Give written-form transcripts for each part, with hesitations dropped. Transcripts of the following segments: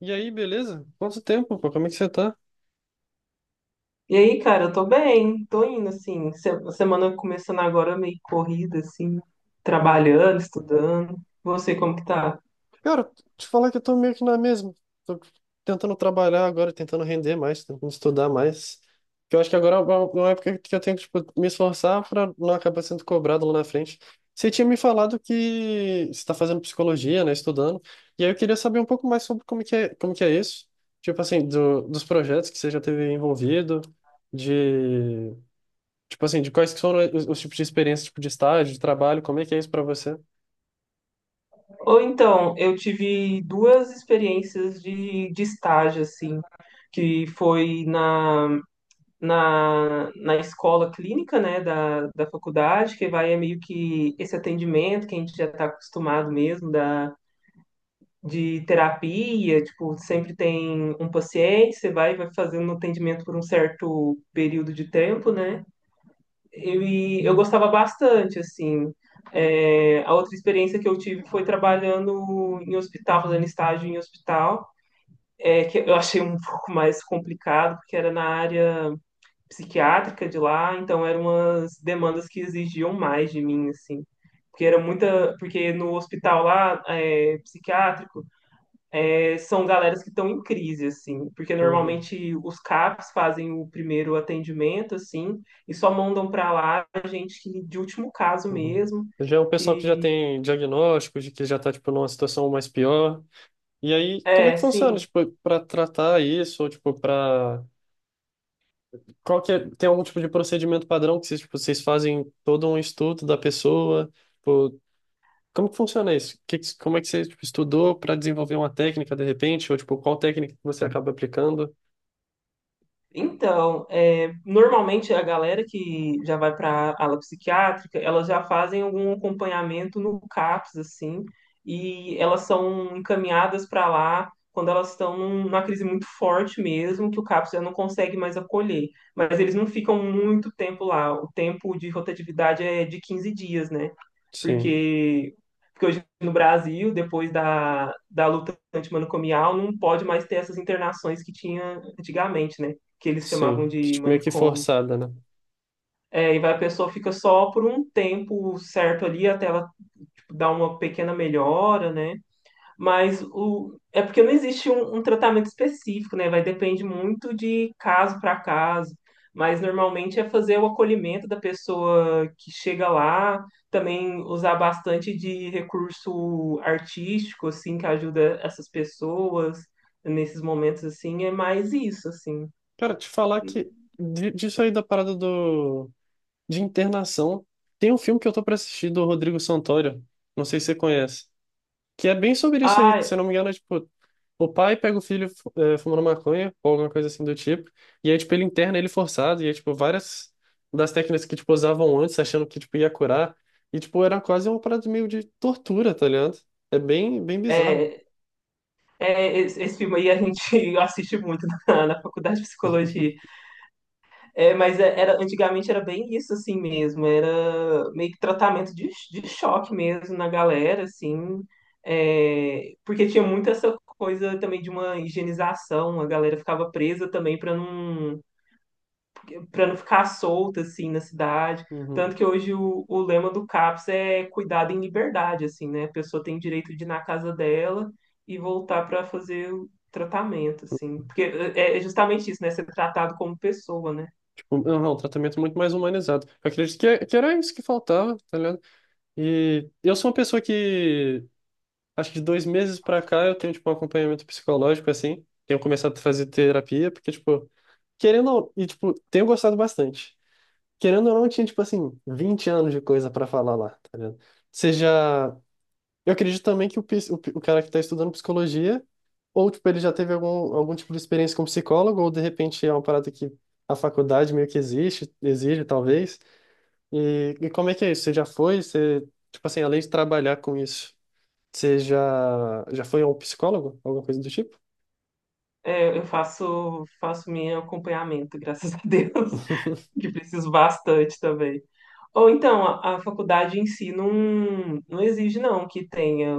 E aí, beleza? Quanto tempo, pô? Como é que você tá? E aí, cara, eu tô bem, tô indo assim. Semana começando agora meio corrida, assim, Uhum. trabalhando, estudando. Você, como que tá? Cara, te falar que eu tô meio que na mesma. Tô tentando trabalhar agora, tentando render mais, tentando estudar mais. Que eu acho que agora é uma época que eu tenho que, tipo, me esforçar pra não acabar sendo cobrado lá na frente. Você tinha me falado que você tá fazendo psicologia, né? Estudando. E aí eu queria saber um pouco mais sobre como que é isso. Tipo assim, dos projetos que você já teve envolvido, de tipo assim, de quais que foram os tipos de experiência, tipo de estágio, de trabalho, como é que é isso para você? Ou então, eu tive duas experiências de estágio, assim, que foi na escola clínica, né, da faculdade, que vai é meio que esse atendimento que a gente já tá acostumado mesmo, de terapia, tipo, sempre tem um paciente, você vai fazendo atendimento por um certo período de tempo, né? E eu gostava bastante, assim. É, a outra experiência que eu tive foi trabalhando em hospital, fazendo estágio em hospital, é, que eu achei um pouco mais complicado, porque era na área psiquiátrica de lá, então eram umas demandas que exigiam mais de mim, assim. Porque era muita, porque no hospital lá, é, psiquiátrico, é, são galeras que estão em crise, assim, porque Uhum, normalmente os CAPs fazem o primeiro atendimento, assim, e só mandam para lá a gente de último caso uhum. mesmo, Já é um pessoal que já que tem diagnóstico, de que já tá, tipo, numa situação mais pior. E aí, como é é, que funciona, sim. tipo, para tratar isso, ou, tipo, para. Qual que é. Tem algum tipo de procedimento padrão que vocês, tipo, vocês fazem todo um estudo da pessoa? Tipo, como que funciona isso? Como é que você, tipo, estudou para desenvolver uma técnica, de repente? Ou, tipo, qual técnica que você acaba aplicando? Então, é, normalmente a galera que já vai para a ala psiquiátrica, elas já fazem algum acompanhamento no CAPS, assim, e elas são encaminhadas para lá quando elas estão numa crise muito forte mesmo, que o CAPS já não consegue mais acolher. Mas eles não ficam muito tempo lá, o tempo de rotatividade é de 15 dias, né? Sim, porque, porque hoje no Brasil, depois da luta antimanicomial, não pode mais ter essas internações que tinha antigamente, né? Que eles chamavam sim. Que, de tipo, meio que manicômio. forçada, né? É, e vai, a pessoa fica só por um tempo certo ali, até ela tipo, dar uma pequena melhora, né? Mas é porque não existe um tratamento específico, né? Vai depende muito de caso para caso. Mas normalmente é fazer o acolhimento da pessoa que chega lá, também usar bastante de recurso artístico, assim, que ajuda essas pessoas nesses momentos, assim, é mais isso, assim. Cara, te falar que disso aí da parada do de internação, tem um filme que eu tô pra assistir do Rodrigo Santoro, não sei se você conhece, que é bem sobre isso aí, Ah, se eu não me engano, é tipo, o pai pega o filho fumando maconha ou alguma coisa assim do tipo, e aí tipo ele interna ele forçado, e aí tipo várias das técnicas que tipo usavam antes, achando que tipo ia curar, e tipo era quase uma parada meio de tortura, tá ligado? É bem bem bizarro. é, é, esse filme aí a gente assiste muito na faculdade de psicologia. É, mas era, antigamente era bem isso assim mesmo, era meio que tratamento de choque mesmo na galera, assim, é, porque tinha muito essa coisa também de uma higienização, a galera ficava presa também para não ficar solta, assim, na cidade, Uhum. tanto que hoje o lema do CAPS é cuidado em liberdade, assim, né, a pessoa tem direito de ir na casa dela e voltar para fazer o tratamento, assim, porque é justamente isso, né, ser tratado como pessoa, né? Tipo, não, não, um tratamento muito mais humanizado. Eu acredito que, que era isso que faltava, tá ligado? E eu sou uma pessoa que, acho que de dois meses pra cá, eu tenho, tipo, um acompanhamento psicológico, assim. Tenho começado a fazer terapia, porque, tipo, querendo ou e, tipo, tenho gostado bastante. Querendo ou não, eu tinha, tipo, assim, 20 anos de coisa pra falar lá, tá ligado? Seja. Eu acredito também que o, pis- o, pi- o cara que tá estudando psicologia, ou, tipo, ele já teve algum tipo de experiência como psicólogo, ou, de repente, é uma parada que a faculdade meio que exige, talvez. E como é que é isso? Você já foi? Você, tipo assim, além de trabalhar com isso, você já foi a um psicólogo? Alguma coisa do tipo? É, eu faço meu acompanhamento, graças a Deus, que preciso bastante também. Ou então, a faculdade em si não, não exige não que tenha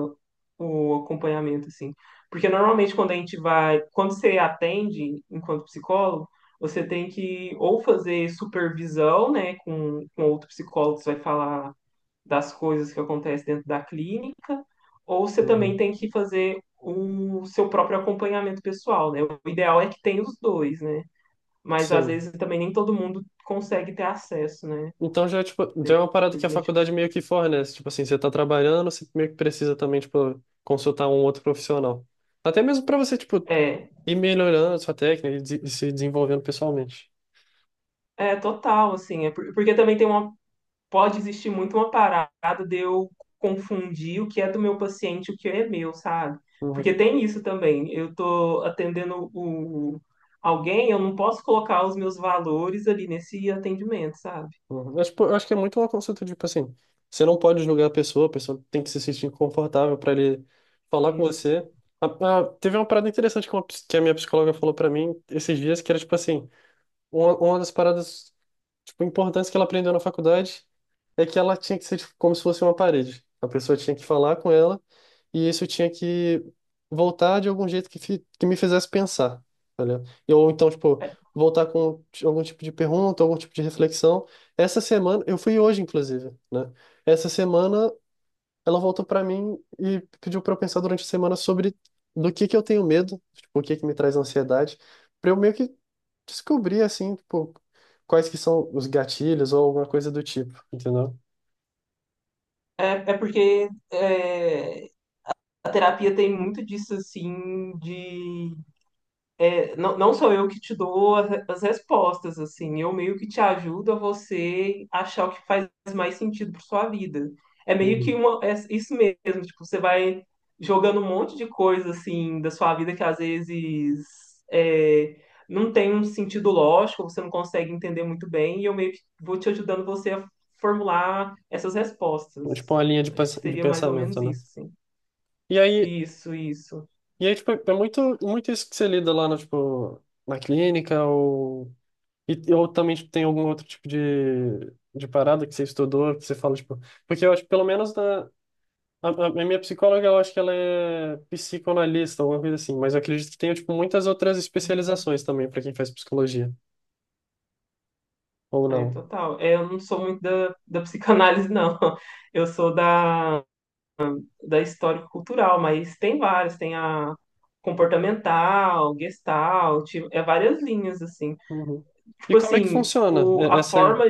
o acompanhamento assim, porque normalmente quando a gente vai, quando você atende enquanto psicólogo, você tem que ou fazer supervisão, né, com outro psicólogo que você vai falar das coisas que acontecem dentro da clínica, ou você também Uhum. tem que fazer o seu próprio acompanhamento pessoal, né? O ideal é que tenha os dois, né? Mas às Sim. vezes também nem todo mundo consegue ter acesso, né? Então já, tipo, já é uma parada que a faculdade meio que fornece. Tipo assim, você tá trabalhando, você meio que precisa também, tipo, consultar um outro profissional. Até mesmo para você, tipo, É, ir melhorando a sua técnica e se desenvolvendo pessoalmente. é total, assim, é porque também tem uma pode existir muito uma parada de eu confundir o que é do meu paciente e o que é meu, sabe? Porque tem isso também. Eu tô atendendo o alguém, eu não posso colocar os meus valores ali nesse atendimento, sabe? Uhum. Mas, pô, eu acho que é muito uma consulta, tipo assim, você não pode julgar a pessoa tem que se sentir confortável para ele falar com Isso. você. Teve uma parada interessante que, que a minha psicóloga falou para mim esses dias, que era tipo assim, uma das paradas, tipo, importantes que ela aprendeu na faculdade é que ela tinha que ser, tipo, como se fosse uma parede. A pessoa tinha que falar com ela e isso tinha que voltar de algum jeito que, que me fizesse pensar, tá ligado? Ou então, tipo, É, voltar com algum tipo de pergunta, algum tipo de reflexão. Essa semana, eu fui hoje, inclusive, né? Essa semana ela voltou pra mim e pediu pra eu pensar durante a semana sobre do que eu tenho medo, tipo, o que que me traz ansiedade, pra eu meio que descobrir, assim, tipo, quais que são os gatilhos ou alguma coisa do tipo, entendeu? é, é, porque a terapia tem muito disso, assim, de Não, não sou eu que te dou as respostas, assim, eu meio que te ajudo a você achar o que faz mais sentido para sua vida. É meio que Uhum. É isso mesmo, tipo, você vai jogando um monte de coisa, assim, da sua vida que às vezes é, não tem um sentido lógico, você não consegue entender muito bem, e eu meio que vou te ajudando você a formular essas respostas. Tipo, uma linha de, Acho pens- que de seria mais ou pensamento, menos né? isso, sim. E aí, Isso, isso. e aí, tipo, é muito, muito isso que você lida lá, no, tipo, na clínica ou. Ou também, tipo, tem algum outro tipo de parada que você estudou, que você fala, tipo. Porque eu acho, que pelo menos a minha psicóloga, eu acho que ela é psicanalista, alguma coisa assim, mas eu acredito que tenha, tipo, muitas outras especializações também para quem faz psicologia, ou É, não. total. É, eu não sou muito da psicanálise, não. Eu sou da histórico-cultural, mas tem várias. Tem a comportamental, gestalt, é várias linhas, assim. Uhum. E Tipo como é que assim, funciona o, a essa aí? forma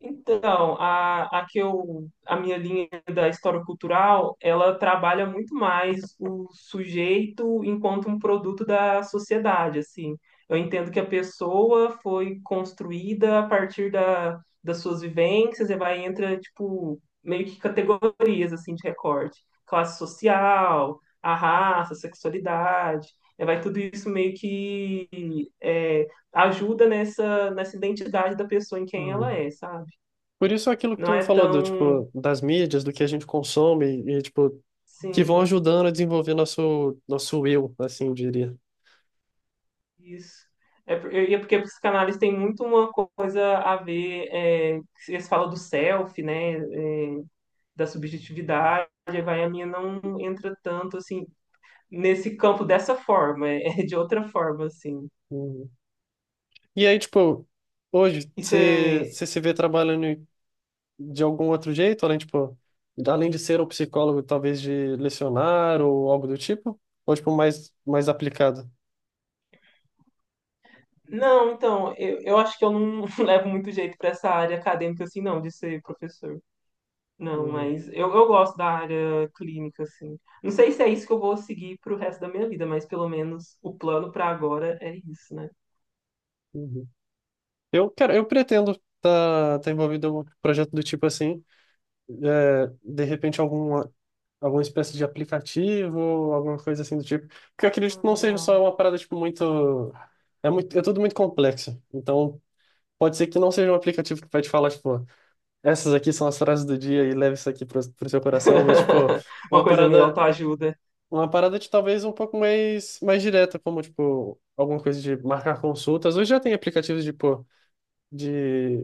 Então, a minha linha da história cultural, ela trabalha muito mais o sujeito enquanto um produto da sociedade, assim. Eu entendo que a pessoa foi construída a partir das suas vivências e vai entra, tipo, meio que categorias, assim, de recorte. Classe social, a raça, a sexualidade, e vai tudo isso meio que é, ajuda nessa, nessa identidade da pessoa em quem ela Uhum. é, sabe? Por isso aquilo que Não tu me é falou, do, tão, tipo, das mídias, do que a gente consome e, tipo, que vão sim, ajudando a desenvolver nosso eu, assim, eu diria. isso. É, e é porque a psicanálise tem muito uma coisa a ver, é, eles falam do self, né, é, da subjetividade, aí vai a minha não entra tanto, assim, nesse campo dessa forma, é de outra forma, assim. Uhum. E aí, tipo, hoje, E você você? se vê trabalhando de algum outro jeito, além, tipo, além de ser o psicólogo, talvez de lecionar ou algo do tipo? Ou, tipo, mais, mais aplicado? Não, então, eu acho que eu não levo muito jeito para essa área acadêmica, assim, não, de ser professor. Não, Uhum. mas eu gosto da área clínica, assim. Não sei se é isso que eu vou seguir pro resto da minha vida, mas pelo menos o plano pra agora é isso, né? Uhum. Cara, eu pretendo tá envolvido em um projeto do tipo assim, de repente alguma espécie de aplicativo, alguma coisa assim do tipo, porque eu acredito Ah, que não seja só legal. uma parada, tipo, muito. É muito, é tudo muito complexo, então. Pode ser que não seja um aplicativo que vai te falar, tipo, essas aqui são as frases do dia e leve isso aqui pro, pro seu coração, mas, tipo, Uma uma coisa meio parada, autoajuda. uma parada de talvez um pouco mais, mais direta, como, tipo, alguma coisa de marcar consultas. Hoje já tem aplicativos de, pô, de,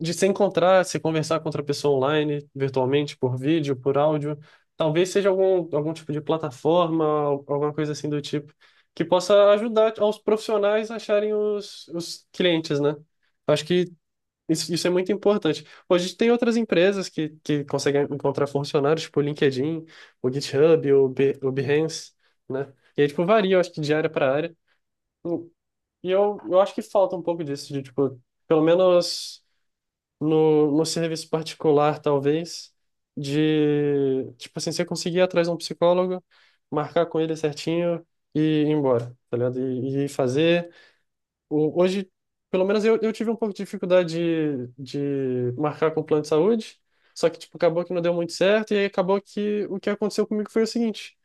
de se encontrar, se conversar com outra pessoa online, virtualmente, por vídeo, por áudio. Talvez seja algum tipo de plataforma, alguma coisa assim do tipo, que possa ajudar aos profissionais a acharem os clientes, né? Acho que isso é muito importante. Hoje tem outras empresas que conseguem encontrar funcionários, tipo o LinkedIn, o GitHub, o Behance, né? E aí, tipo, varia, eu acho que de área para área. Hum. E eu acho que falta um pouco disso, de, tipo, pelo menos no serviço particular, talvez, de, tipo assim, você conseguir ir atrás de um psicólogo, marcar com ele certinho e ir embora, tá ligado? Hoje, pelo menos eu tive um pouco de dificuldade de marcar com o plano de saúde, só que, tipo, acabou que não deu muito certo, e aí acabou que o que aconteceu comigo foi o seguinte,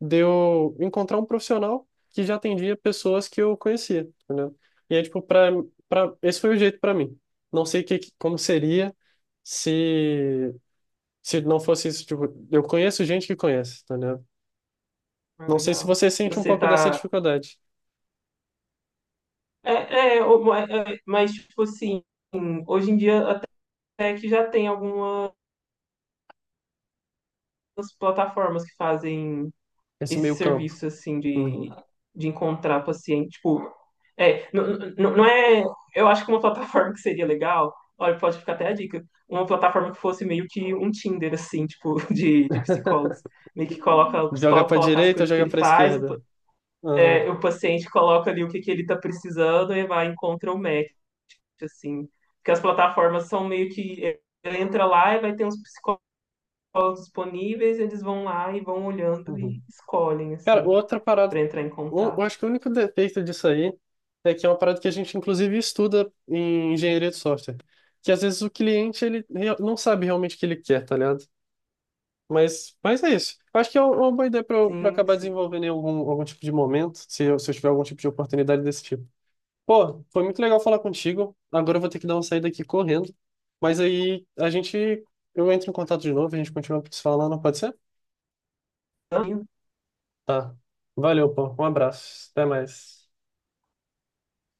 deu encontrar um profissional que já atendia pessoas que eu conhecia, entendeu? E aí, tipo, esse foi o jeito para mim. Não sei como seria se, se não fosse isso, tipo, eu conheço gente que conhece, entendeu? Ah, Não sei se legal. você E sente um você pouco dessa tá. dificuldade, É, mas, tipo assim, hoje em dia até que já tem algumas plataformas que fazem esse esse meio campo. serviço, assim, de, Uhum. de encontrar paciente, tipo, não, não é, eu acho que uma plataforma que seria legal, olha, pode ficar até a dica, uma plataforma que fosse meio que um Tinder, assim, tipo, de psicólogos. O Joga psicólogo pra coloca as direita ou coisas que joga ele pra faz, o, pa- esquerda? Aham, é, o paciente coloca ali o que ele tá precisando e vai e encontra o match, assim. Porque as plataformas são meio que, ele entra lá e vai ter uns psicólogos disponíveis, eles vão lá e vão olhando uhum. e escolhem, Cara, assim outra parada. para entrar em Eu contato. acho que o único defeito disso aí é que é uma parada que a gente, inclusive, estuda em engenharia de software. Que às vezes o cliente ele não sabe realmente o que ele quer, tá ligado? Mas é isso. Eu acho que é uma boa ideia pra eu Sim, acabar sim. desenvolvendo em algum tipo de momento, se eu tiver algum tipo de oportunidade desse tipo. Pô, foi muito legal falar contigo. Agora eu vou ter que dar uma saída aqui correndo. Mas aí a gente. Eu entro em contato de novo, a gente continua se falando, pode ser? Então, Tá. Valeu, pô. Um abraço. Até mais.